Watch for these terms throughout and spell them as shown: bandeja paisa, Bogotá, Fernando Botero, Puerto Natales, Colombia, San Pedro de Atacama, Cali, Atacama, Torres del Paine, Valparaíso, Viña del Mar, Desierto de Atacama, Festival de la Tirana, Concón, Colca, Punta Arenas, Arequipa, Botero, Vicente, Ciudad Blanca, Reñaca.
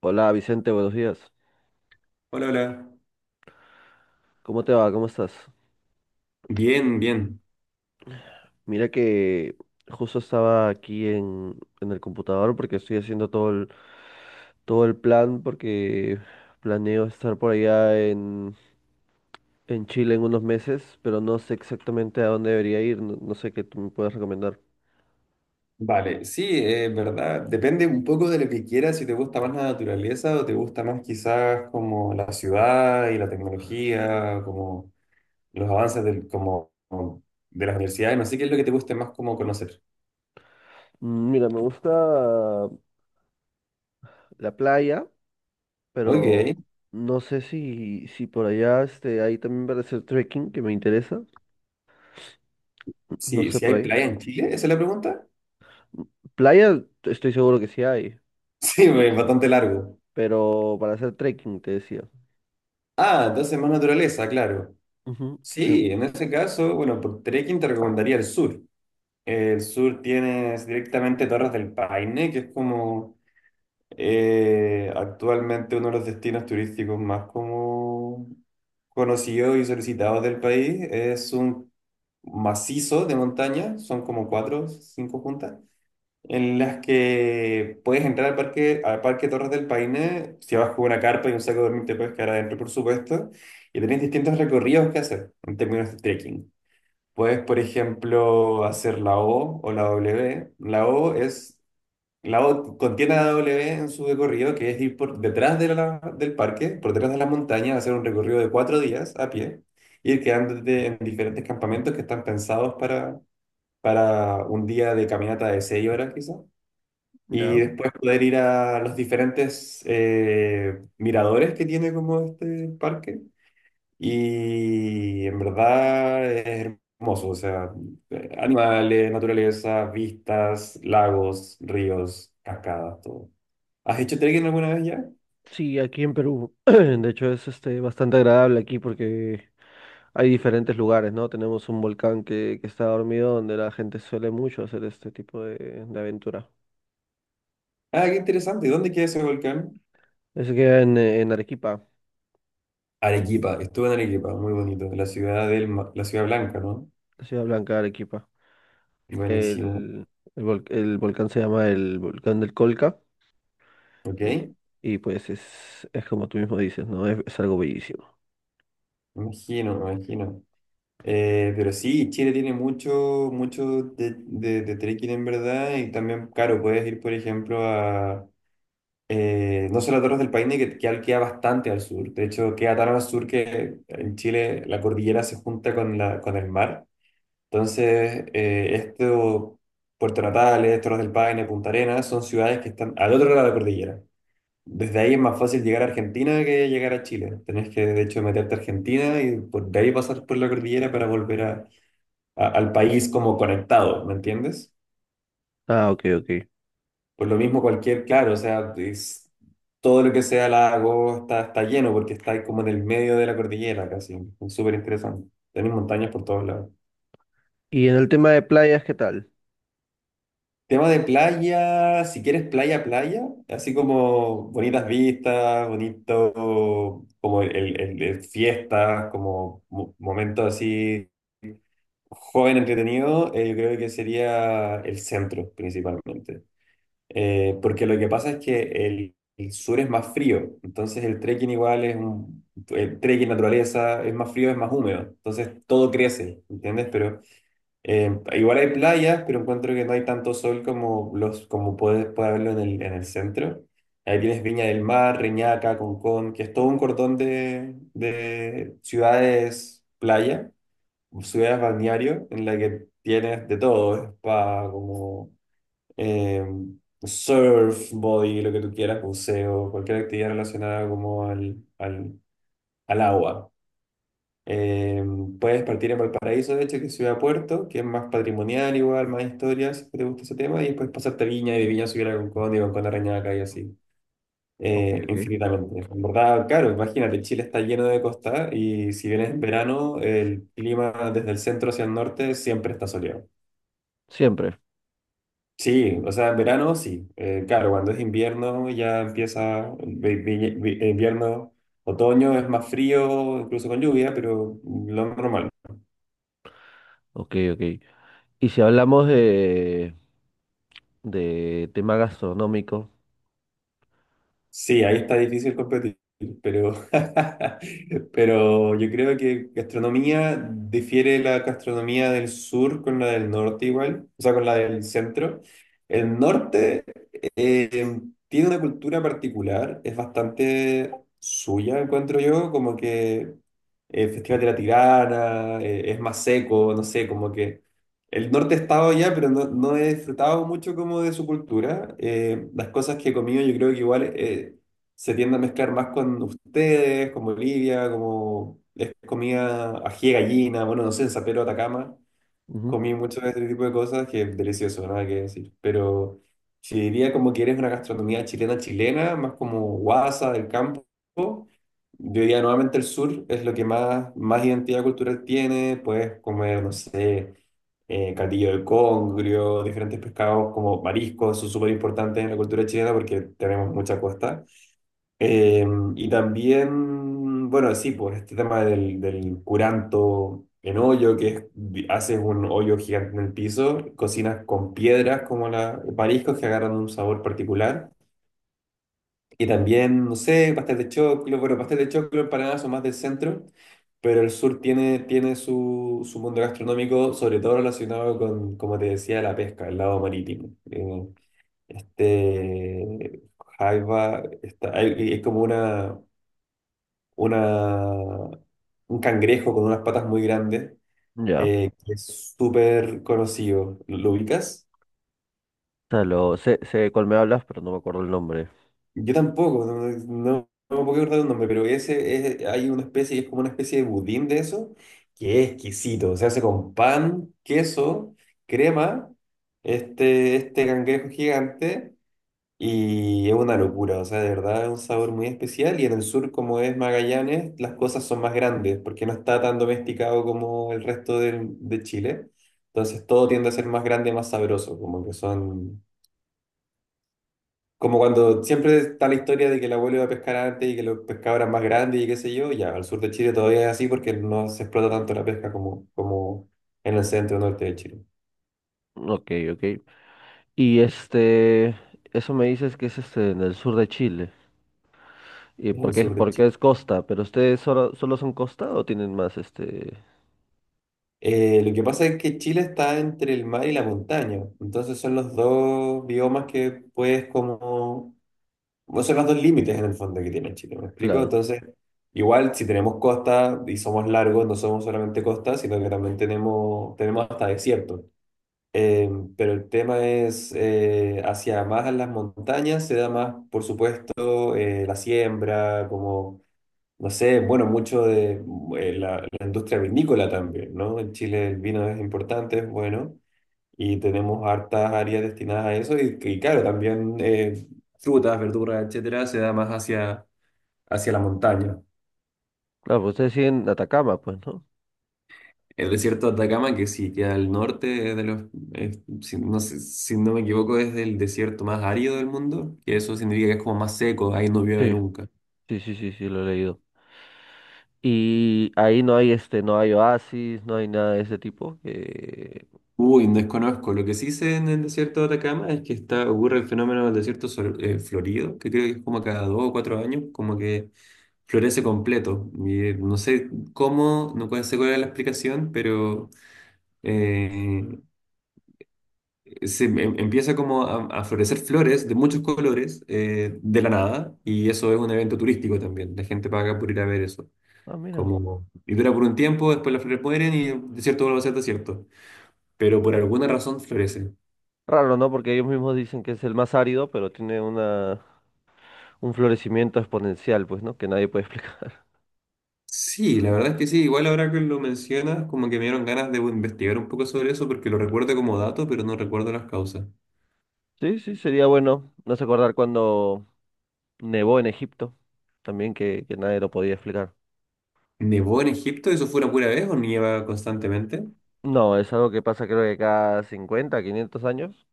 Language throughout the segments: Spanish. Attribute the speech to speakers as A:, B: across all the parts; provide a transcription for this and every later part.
A: Hola Vicente, buenos días.
B: Hola, hola.
A: ¿Cómo te va? ¿Cómo estás?
B: Bien, bien.
A: Mira que justo estaba aquí en el computador porque estoy haciendo todo el plan porque planeo estar por allá en Chile en unos meses, pero no sé exactamente a dónde debería ir, no, no sé qué tú me puedes recomendar.
B: Vale, sí, es verdad. Depende un poco de lo que quieras, si te gusta más la naturaleza o te gusta más quizás como la ciudad y la tecnología, como los avances como de las universidades. No sé qué es lo que te guste más como conocer.
A: Mm, mira, me gusta la playa, pero
B: Ok,
A: no sé si por allá este, ahí también para hacer trekking que me interesa, no
B: sí,
A: sé
B: si
A: por
B: hay
A: ahí.
B: playa en Chile, ¿esa es la pregunta?
A: Playa, estoy seguro que sí hay,
B: Sí, es bastante largo.
A: pero para hacer trekking, te decía.
B: Ah, entonces más naturaleza, claro.
A: Ujú, sí,
B: Sí, en ese caso, bueno, por trekking te recomendaría el sur. El sur tienes directamente Torres del Paine, que es como actualmente uno de los destinos turísticos más como conocidos y solicitados del país. Es un macizo de montaña, son como cuatro, cinco juntas, en las que puedes entrar al parque Torres del Paine. Si vas con una carpa y un saco de dormir te puedes quedar adentro, por supuesto, y tenés distintos recorridos que hacer en términos de trekking. Puedes, por ejemplo, hacer la O o la W. La O contiene la W en su recorrido, que es ir por detrás de del parque, por detrás de la montaña, hacer un recorrido de 4 días a pie, ir quedándote en diferentes campamentos que están pensados para un día de caminata de 6 horas quizás. Y
A: ya.
B: después poder ir a los diferentes miradores que tiene como este parque y en verdad es hermoso. O sea, animales, naturaleza, vistas, lagos, ríos, cascadas, todo. ¿Has hecho trekking alguna vez ya?
A: Sí, aquí en Perú. De hecho, es este, bastante agradable aquí porque hay diferentes lugares, ¿no? Tenemos un volcán que está dormido donde la gente suele mucho hacer este tipo de aventura.
B: Ah, qué interesante. ¿Y dónde queda ese volcán?
A: Ese queda en Arequipa,
B: Arequipa, estuve en Arequipa, muy bonito. La ciudad la ciudad blanca, ¿no?
A: la Ciudad Blanca de Arequipa.
B: Buenísimo.
A: El, el volcán se llama el volcán del Colca
B: ¿Ok?
A: y, y pues es como tú mismo dices, ¿no? Es algo bellísimo.
B: Imagino, imagino. Pero sí, Chile tiene mucho, mucho de trekking en verdad y también, claro, puedes ir, por ejemplo, a, no solo Torres del Paine, que queda bastante al sur. De hecho, queda tan al sur que en Chile la cordillera se junta con el mar. Entonces, Puerto Natales, Torres del Paine, Punta Arenas, son ciudades que están al otro lado de la cordillera. Desde ahí es más fácil llegar a Argentina que llegar a Chile. Tenés que, de hecho, meterte a Argentina y de ahí pasar por la cordillera para volver al país como conectado, ¿me entiendes?
A: Ah, ok, ok.
B: Por lo mismo claro, o sea, todo lo que sea lago está lleno porque está ahí como en el medio de la cordillera casi. Es súper interesante. Tenés montañas por todos lados.
A: Y en el tema de playas, ¿qué tal?
B: Tema de playa, si quieres playa, playa, así como bonitas vistas, bonito, como el fiestas, como momentos así joven entretenido. Yo creo que sería el centro principalmente. Porque lo que pasa es que el sur es más frío, entonces el trekking igual es un... El trekking naturaleza es más frío, es más húmedo, entonces todo crece, ¿entiendes? Pero igual hay playas, pero encuentro que no hay tanto sol como puede haberlo en el centro. Ahí tienes Viña del Mar, Reñaca, Concón, que es todo un cordón de ciudades playa, ciudades balneario, en la que tienes de todo. Es para como eh, surf, body, lo que tú quieras, buceo, cualquier actividad relacionada como al agua. Eh, puedes partir a Valparaíso, de hecho, que es ciudad puerto, que es más patrimonial igual, más historias, si te gusta ese tema, y después pasarte a Viña y de Viña subir a Concón y Concón a Reñaca y así,
A: Ok,
B: eh,
A: ok.
B: infinitamente. En verdad, claro, imagínate, Chile está lleno de costa y si vienes en verano, el clima desde el centro hacia el norte siempre está soleado.
A: Siempre.
B: Sí, o sea, en verano sí. Claro, cuando es invierno ya empieza, invierno, otoño es más frío, incluso con lluvia, pero lo normal.
A: Ok, ok. Y si hablamos de tema gastronómico,
B: Sí, ahí está difícil competir, pero pero yo creo que gastronomía difiere la gastronomía del sur con la del norte igual, o sea, con la del centro. El norte eh, tiene una cultura particular, es bastante suya, encuentro yo, como que el Festival de la Tirana es más seco, no sé, como que... El norte he estado ya, pero no, no he disfrutado mucho como de su cultura. Las cosas que he comido yo creo que igual se tiende a mezclar más con ustedes, como Bolivia, como es comida ají de gallina. Bueno, no sé, en San Pedro de Atacama
A: ujú,
B: comí mucho de este tipo de cosas que es delicioso, nada que decir. Pero si diría como que eres una gastronomía chilena chilena, más como guasa del campo, yo diría nuevamente el sur es lo que más, más identidad cultural tiene. Puedes comer, no sé, catillo del congrio, diferentes pescados como mariscos, son súper importantes en la cultura chilena porque tenemos mucha costa. Eh, y también, bueno, sí, pues este tema del curanto en hoyo, que es, haces un hoyo gigante en el piso, cocinas con piedras mariscos que agarran un sabor particular. Y también, no sé, pastel de choclo, bueno, pastel de choclo, empanadas son más del centro, pero el sur tiene, su mundo gastronómico, sobre todo relacionado con, como te decía, la pesca, el lado marítimo. Este, Jaiba, es como una una, un cangrejo con unas patas muy grandes,
A: ya. O
B: que es súper conocido. ¿Lo ubicas?
A: sea, lo, sé, sé de cuál me hablas, pero no me acuerdo el nombre.
B: Yo tampoco, no me puedo acordar el nombre, pero hay una especie, es como una especie de budín de eso, que es exquisito. Se hace con pan, queso, crema, este cangrejo gigante. Y es una locura, o sea, de verdad es un sabor muy especial. Y en el sur, como es Magallanes, las cosas son más grandes porque no está tan domesticado como el resto de Chile. Entonces todo tiende a ser más grande, más sabroso, como que son... Como cuando siempre está la historia de que el abuelo iba a pescar antes y que los pescados eran más grandes y qué sé yo. Ya, al sur de Chile todavía es así porque no se explota tanto la pesca como, como en el centro norte de Chile,
A: Ok, ok. Y este, eso me dices que es este en el sur de Chile. ¿Y
B: en el sur de
A: por qué
B: Chile.
A: es costa? ¿Pero ustedes solo, solo son costa o tienen más este?
B: Lo que pasa es que Chile está entre el mar y la montaña, entonces son los dos biomas bueno, son los dos límites en el fondo que tiene Chile, ¿me explico?
A: Claro.
B: Entonces, igual si tenemos costa y somos largos, no somos solamente costa, sino que también tenemos, hasta desierto. Eh, pero el tema es, hacia más a las montañas se da más, por supuesto, la siembra, como no sé, bueno, mucho de la industria vinícola también, ¿no? En Chile el vino es importante, es bueno, y tenemos hartas áreas destinadas a eso, y, claro, también frutas, verduras, etcétera, se da más hacia la montaña.
A: Claro, pues ustedes siguen Atacama, pues, ¿no?
B: El desierto de Atacama, que sí queda al norte es de los, si no me equivoco, es el desierto más árido del mundo, que eso significa que es como más seco, ahí no llueve
A: Sí,
B: nunca.
A: sí, sí, sí, sí, lo he leído. Y ahí no hay este, no hay oasis, no hay nada de ese tipo.
B: Uy, desconozco. Lo que sí sé en el desierto de Atacama es que está, ocurre el fenómeno del desierto florido, que creo que es como cada 2 o 4 años, como que florece completo. Y no sé cómo, no puede ser cuál es la explicación, pero eh, se empieza como a florecer flores de muchos colores de la nada, y eso es un evento turístico también. La gente paga por ir a ver eso.
A: Ah, mira.
B: Como, y dura por un tiempo, después las flores mueren y el desierto vuelve a ser desierto. Pero por alguna razón florece.
A: Raro, ¿no? Porque ellos mismos dicen que es el más árido, pero tiene una, un florecimiento exponencial, pues, ¿no? Que nadie puede explicar.
B: Sí, la verdad es que sí, igual ahora que lo mencionas, como que me dieron ganas de investigar un poco sobre eso porque lo recuerdo como dato, pero no recuerdo las causas.
A: Sí, sí, sería bueno. No sé acordar cuando nevó en Egipto, también que nadie lo podía explicar.
B: ¿Nevó en Egipto? ¿Eso fue una pura vez o nieva constantemente?
A: No, es algo que pasa creo que cada 50, 500 años.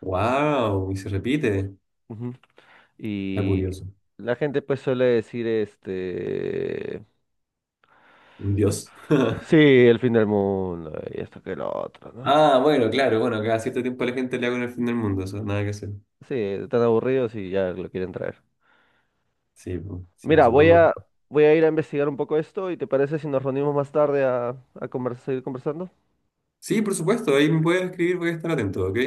B: ¡Wow! Y se repite.
A: Ujú.
B: Está
A: Y
B: curioso.
A: la gente pues suele decir, este,
B: Un dios.
A: sí, el fin del mundo y esto que lo otro, ¿no?
B: Ah, bueno, claro, bueno, cada cierto tiempo la gente le hago en el fin del mundo, eso, nada que hacer.
A: Sí, están aburridos y ya lo quieren traer.
B: Sí, pues, sí,
A: Mira,
B: supongo.
A: voy a ir a investigar un poco esto y ¿te parece si nos reunimos más tarde a conversar, seguir conversando?
B: Sí, por supuesto, ahí me puedes escribir, voy a estar atento, ¿ok?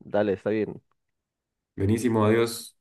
A: Dale, está bien.
B: Buenísimo, adiós.